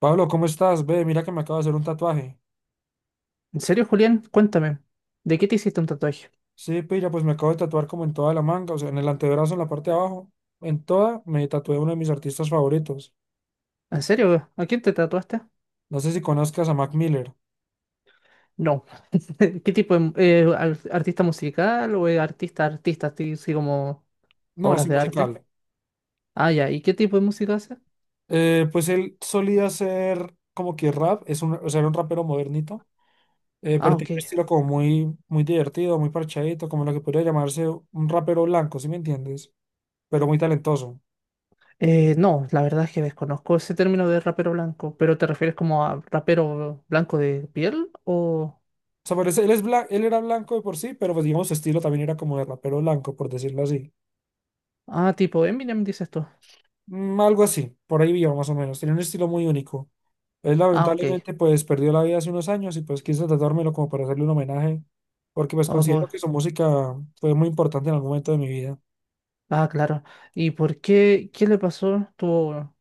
Pablo, ¿cómo estás? Ve, mira que me acabo de hacer un tatuaje. ¿En serio, Julián? Cuéntame, ¿de qué te hiciste un tatuaje? Sí, pilla, pues me acabo de tatuar como en toda la manga, o sea, en el antebrazo, en la parte de abajo. En toda me tatué uno de mis artistas favoritos. ¿En serio? ¿A quién te tatuaste? No sé si conozcas a Mac Miller. No. ¿Qué tipo de artista musical o artista artista, así así como No, obras sí, de arte? musical. Ah, ya. ¿Y qué tipo de música hace? Pues él solía hacer como que rap, es un, o sea, era un rapero modernito, pero Ah, ok. tiene un estilo como muy, muy divertido, muy parchadito, como lo que podría llamarse un rapero blanco, ¿sí me entiendes? Pero muy talentoso. No, la verdad es que desconozco ese término de rapero blanco, pero ¿te refieres como a rapero blanco de piel o O sea, parece, él era blanco de por sí, pero pues digamos su estilo también era como de rapero blanco, por decirlo así. ah, tipo Eminem dices tú? Mm, algo así, por ahí viva más o menos. Tenía un estilo muy único. Él Ah, ok. lamentablemente pues perdió la vida hace unos años y pues quise tratármelo como para hacerle un homenaje, porque pues Ah, considero pues- que su música fue muy importante en algún momento de mi vida. ah, claro. ¿Y por qué? ¿Qué le pasó? ¿Tuvo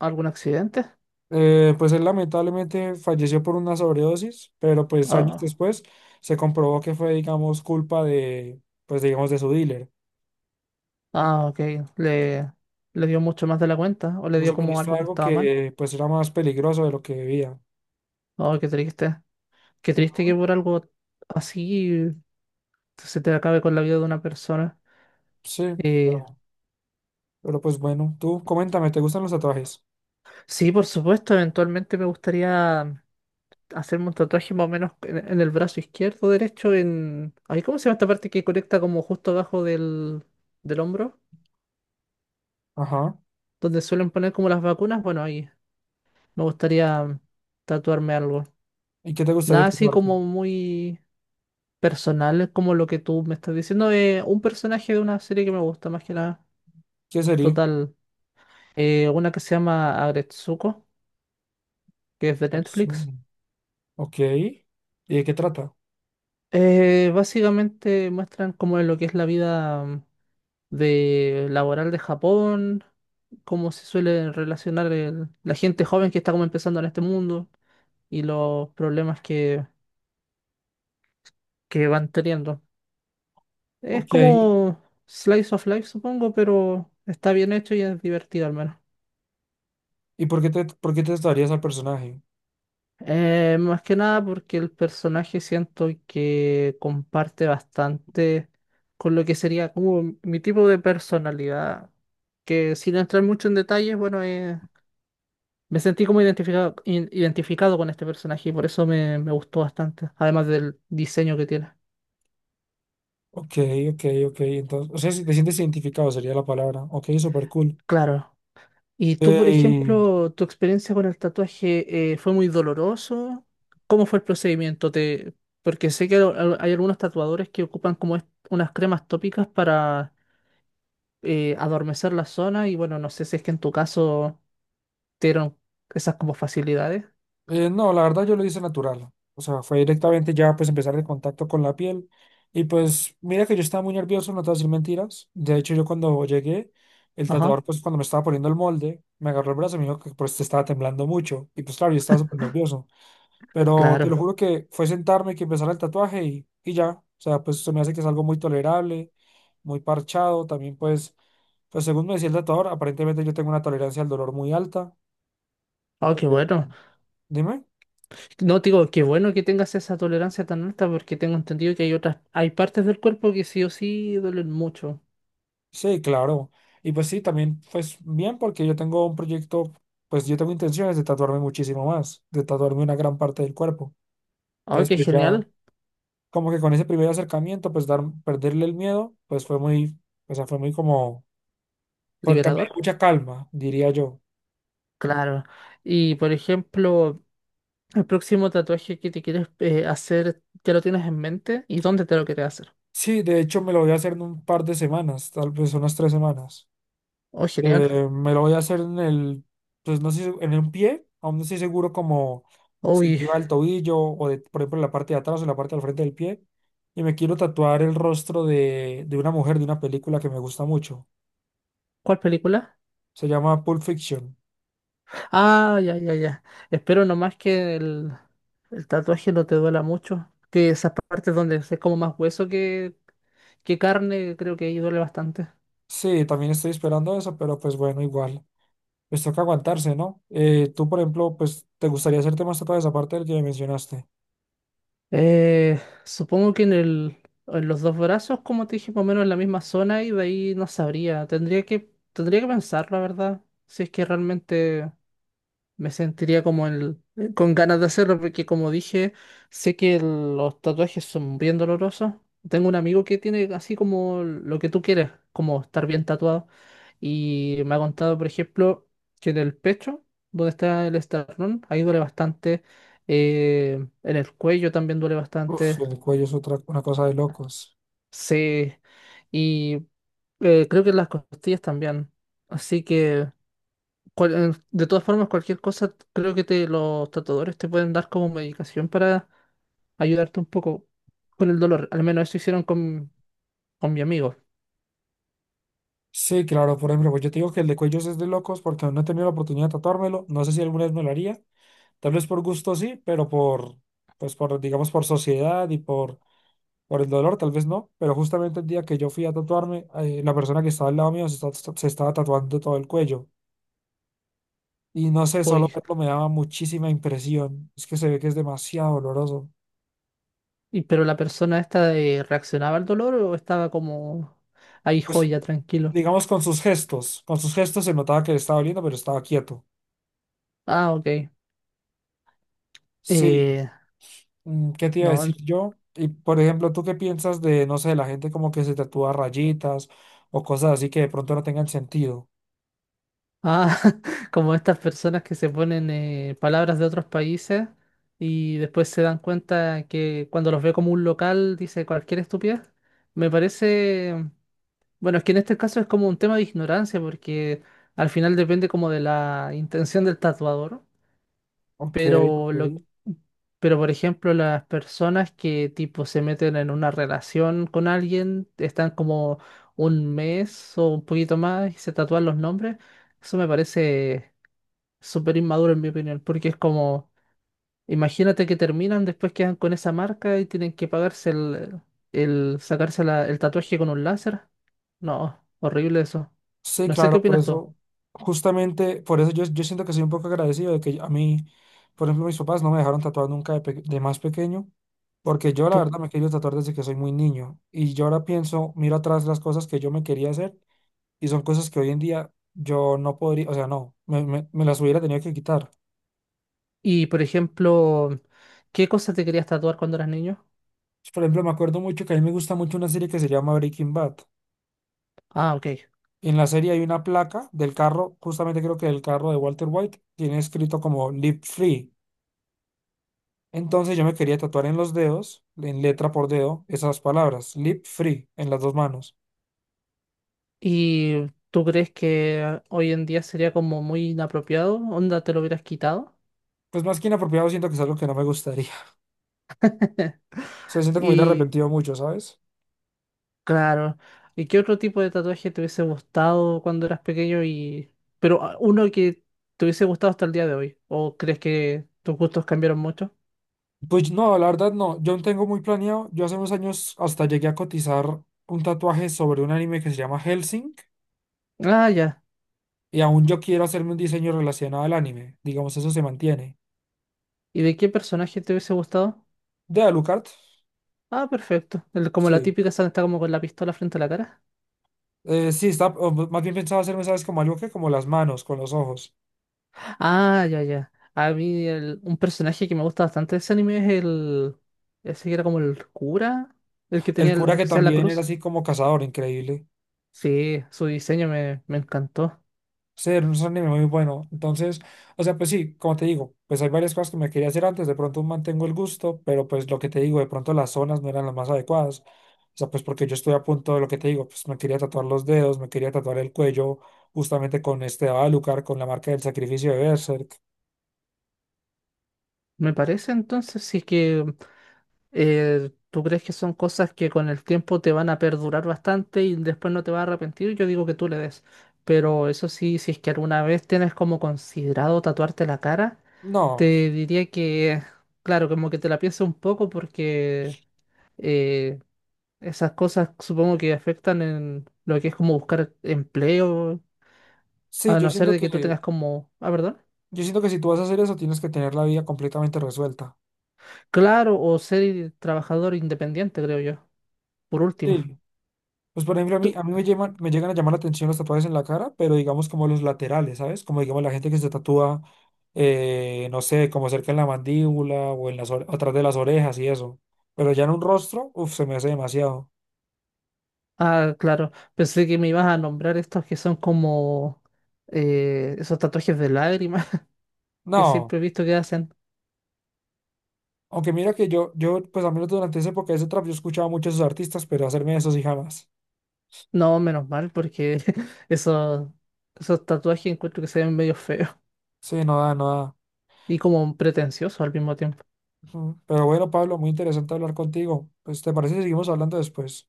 algún accidente? Pues él lamentablemente falleció por una sobredosis, pero pues años Ah. después se comprobó que fue, digamos, culpa de, pues digamos, de su dealer. Ah, ok. Le, le dio mucho más de la cuenta. O le Lo dio como suministró algo que algo estaba mal. que pues era más peligroso de lo que debía. Oh, qué triste. Qué triste Mm. que por algo así se te acabe con la vida de una persona. Sí, Eh, pero, pero pues bueno, tú coméntame, ¿te gustan los tatuajes? sí, por supuesto. Eventualmente me gustaría hacerme un tatuaje más o menos en el brazo izquierdo, derecho, en... Ay, ¿cómo se llama esta parte que conecta como justo abajo del hombro? Ajá. Donde suelen poner como las vacunas. Bueno, ahí me gustaría tatuarme algo. ¿Y qué te gustaría Nada así tatuarte? como muy... personal como lo que tú me estás diciendo. Un personaje de una serie que me gusta más que nada. ¿Qué sería? Total. Una que se llama Agretsuko, que es de Netflix. Atsumo. Ok. ¿Y de qué trata? Básicamente muestran cómo es lo que es la vida de laboral de Japón, cómo se suele relacionar la gente joven que está como empezando en este mundo y los problemas que van teniendo. Es Ok. como Slice of Life, supongo, pero está bien hecho y es divertido al menos. ¿Y por qué te tatuarías al personaje? Más que nada porque el personaje siento que comparte bastante con lo que sería como mi tipo de personalidad, que sin entrar mucho en detalles, bueno, me sentí como identificado con este personaje y por eso me gustó bastante, además del diseño que tiene. Ok, ok, ok. Entonces, o sea, si te sientes identificado sería la palabra. Ok, súper cool. Claro. ¿Y tú, por Eh, ejemplo, tu experiencia con el tatuaje fue muy doloroso? ¿Cómo fue el procedimiento? ¿Te... Porque sé que hay algunos tatuadores que ocupan como unas cremas tópicas para adormecer la zona y bueno, no sé si es que en tu caso te dieron esas como facilidades. No, la verdad yo lo hice natural. O sea, fue directamente ya pues empezar el contacto con la piel. Y pues mira que yo estaba muy nervioso, no te voy a decir mentiras. De hecho, yo cuando llegué, el Ajá, tatuador pues cuando me estaba poniendo el molde, me agarró el brazo y me dijo que pues te estaba temblando mucho. Y pues claro, yo estaba súper nervioso. Pero te lo claro. juro que fue sentarme que empezara el tatuaje y ya. O sea, pues se me hace que es algo muy tolerable, muy parchado. También, pues, pues según me decía el tatuador, aparentemente yo tengo una tolerancia al dolor muy alta. Oh, Ok. qué bueno. Dime. No, te digo, qué bueno que tengas esa tolerancia tan alta porque tengo entendido que hay hay partes del cuerpo que sí o sí duelen mucho. Sí, claro. Y pues sí, también, pues bien, porque yo tengo un proyecto, pues yo tengo intenciones de tatuarme muchísimo más, de tatuarme una gran parte del cuerpo. Oh, Entonces, qué pues ya, genial, como que con ese primer acercamiento, pues dar, perderle el miedo, pues fue muy, o sea, fue muy como, fue, que me dio liberador. mucha calma, diría yo. Claro. Y por ejemplo, el próximo tatuaje que te quieres hacer, ¿ya lo tienes en mente? ¿Y dónde te lo quieres hacer? Sí, de hecho me lo voy a hacer en un par de semanas, tal vez unas tres semanas. Oh, genial. Me lo voy a hacer en el, pues no sé, en un pie, aún no estoy seguro como si Uy, arriba del tobillo o de, por ejemplo, en la parte de atrás o en la parte del frente del pie. Y me quiero tatuar el rostro de una mujer de una película que me gusta mucho. ¿cuál película? Se llama Pulp Fiction. Ah, ya, ya, ya. Espero nomás que el tatuaje no te duela mucho. Que esas partes donde es como más hueso que carne, creo que ahí duele bastante. Sí, también estoy esperando eso, pero pues bueno, igual. Pues toca aguantarse, ¿no? Tú, por ejemplo, pues te gustaría hacerte más tatuajes aparte del que me mencionaste. Eh, Supongo que en los dos brazos, como te dije, más o menos en la misma zona y de ahí no sabría. Tendría que pensar, la verdad. Si es que realmente. Me sentiría como con ganas de hacerlo porque como dije, sé que los tatuajes son bien dolorosos. Tengo un amigo que tiene así como lo que tú quieres, como estar bien tatuado. Y me ha contado, por ejemplo, que en el pecho, donde está el esternón, ahí duele bastante. En el cuello también duele Uf, bastante. el cuello es otra, una cosa de locos. Sí. Y creo que en las costillas también. Así que de todas formas, cualquier cosa, creo que los tatuadores te pueden dar como medicación para ayudarte un poco con el dolor. Al menos eso hicieron con mi amigo. Sí, claro, por ejemplo, pues yo te digo que el de cuellos es de locos porque aún no he tenido la oportunidad de tatuármelo. No sé si alguna vez me lo haría. Tal vez por gusto sí, pero por, pues por, digamos, por sociedad y por el dolor, tal vez no. Pero justamente el día que yo fui a tatuarme, la persona que estaba al lado mío se estaba tatuando todo el cuello. Y no sé, solo Hoy. verlo me daba muchísima impresión. Es que se ve que es demasiado doloroso. Y, pero la persona esta reaccionaba al dolor o estaba como ahí Pues, joya, tranquilo. digamos, con sus gestos. Con sus gestos se notaba que le estaba doliendo, pero estaba quieto. Ah, ok. Sí. Eh, Mm, ¿qué te iba a no. decir en- yo? Y por ejemplo, ¿tú qué piensas de, no sé, la gente como que se tatúa rayitas o cosas así que de pronto no tengan sentido? Ah, como estas personas que se ponen palabras de otros países y después se dan cuenta que cuando los ve como un local dice cualquier estupidez. Me parece. Bueno, es que en este caso es como un tema de ignorancia, porque al final depende como de la intención del tatuador, Ok, pero lo, ok. pero por ejemplo las personas que tipo se meten en una relación con alguien, están como un mes o un poquito más y se tatúan los nombres, eso me parece súper inmaduro en mi opinión, porque es como imagínate que terminan, después quedan con esa marca y tienen que pagarse el sacarse el tatuaje con un láser. No, horrible eso. Sí, No sé qué claro, por opinas tú. eso, justamente, por eso yo siento que soy un poco agradecido de que a mí, por ejemplo, mis papás no me dejaron tatuar nunca de más pequeño, porque yo la Tú, verdad me he querido tatuar desde que soy muy niño. Y yo ahora pienso, miro atrás las cosas que yo me quería hacer y son cosas que hoy en día yo no podría, o sea, no, me las hubiera tenido que quitar. y por ejemplo, ¿qué cosas te querías tatuar cuando eras niño? Por ejemplo, me acuerdo mucho que a mí me gusta mucho una serie que se llama Breaking Bad. Ah, ok. En la serie hay una placa del carro, justamente creo que del carro de Walter White, tiene escrito como Live Free. Entonces yo me quería tatuar en los dedos, en letra por dedo, esas palabras, lip free, en las dos manos. ¿Y tú crees que hoy en día sería como muy inapropiado? ¿Onda te lo hubieras quitado? Pues más que inapropiado, siento que es algo que no me gustaría. O sea, siento que me hubiera Y arrepentido mucho, ¿sabes? claro. ¿Y qué otro tipo de tatuaje te hubiese gustado cuando eras pequeño y... pero ah, uno que te hubiese gustado hasta el día de hoy? ¿O crees que tus gustos cambiaron mucho? Pues no, la verdad no. Yo no tengo muy planeado. Yo hace unos años hasta llegué a cotizar un tatuaje sobre un anime que se llama Hellsing. Ah, ya. Y aún yo quiero hacerme un diseño relacionado al anime. Digamos, eso se mantiene. ¿Y de qué personaje te hubiese gustado? ¿De Alucard? Ah, perfecto. El- como la Sí. típica esa que está como con la pistola frente a la cara. Sí, está, o más bien pensaba hacerme, ¿sabes? Como algo que como las manos, con los ojos. Ah, ya, ya. A mí un personaje que me gusta bastante de ese anime es el... Ese que era como el cura, el que El tenía, cura el que que sea la también era cruz. así como cazador, increíble. Sí, su diseño me encantó. Sí, era un anime muy bueno. Entonces, o sea, pues sí, como te digo, pues hay varias cosas que me quería hacer antes. De pronto mantengo el gusto, pero pues lo que te digo, de pronto las zonas no eran las más adecuadas. O sea, pues porque yo estoy a punto de lo que te digo, pues me quería tatuar los dedos, me quería tatuar el cuello, justamente con este Alucard, con la marca del sacrificio de Berserk. Me parece entonces, sí que ¿tú crees que son cosas que con el tiempo te van a perdurar bastante y después no te vas a arrepentir? Yo digo que tú le des. Pero eso sí, si es que alguna vez tienes como considerado tatuarte la cara, No, te diría claro, como que te la pienses un poco porque eh, esas cosas supongo que afectan en lo que es como buscar empleo, sí, a no ser de que tú tengas como, ah, perdón, yo siento que si tú vas a hacer eso, tienes que tener la vida completamente resuelta. claro, o ser trabajador independiente, creo yo, por último. Sí. Pues por ejemplo, a ¿Tú, mí me llegan a llamar la atención los tatuajes en la cara, pero digamos como los laterales, ¿sabes? Como digamos la gente que se tatúa, no sé, como cerca en la mandíbula o en atrás de las orejas y eso. Pero ya en un rostro, uff, se me hace demasiado. ah, claro. Pensé que me ibas a nombrar estos que son como esos tatuajes de lágrimas que No, siempre he visto que hacen. aunque mira que pues al menos durante esa época de ese trap, yo escuchaba mucho a esos artistas, pero hacerme eso sí jamás. No, menos mal, porque esos, esos tatuajes encuentro que se ven medio feos Sí, no da, no da. y como pretenciosos al mismo tiempo. Ujú. Pero bueno, Pablo, muy interesante hablar contigo. Pues, ¿te parece si seguimos hablando después?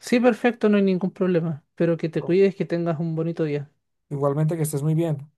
Sí, perfecto, no hay ningún problema. Pero que te No. cuides, que tengas un bonito día. Igualmente que estés muy bien.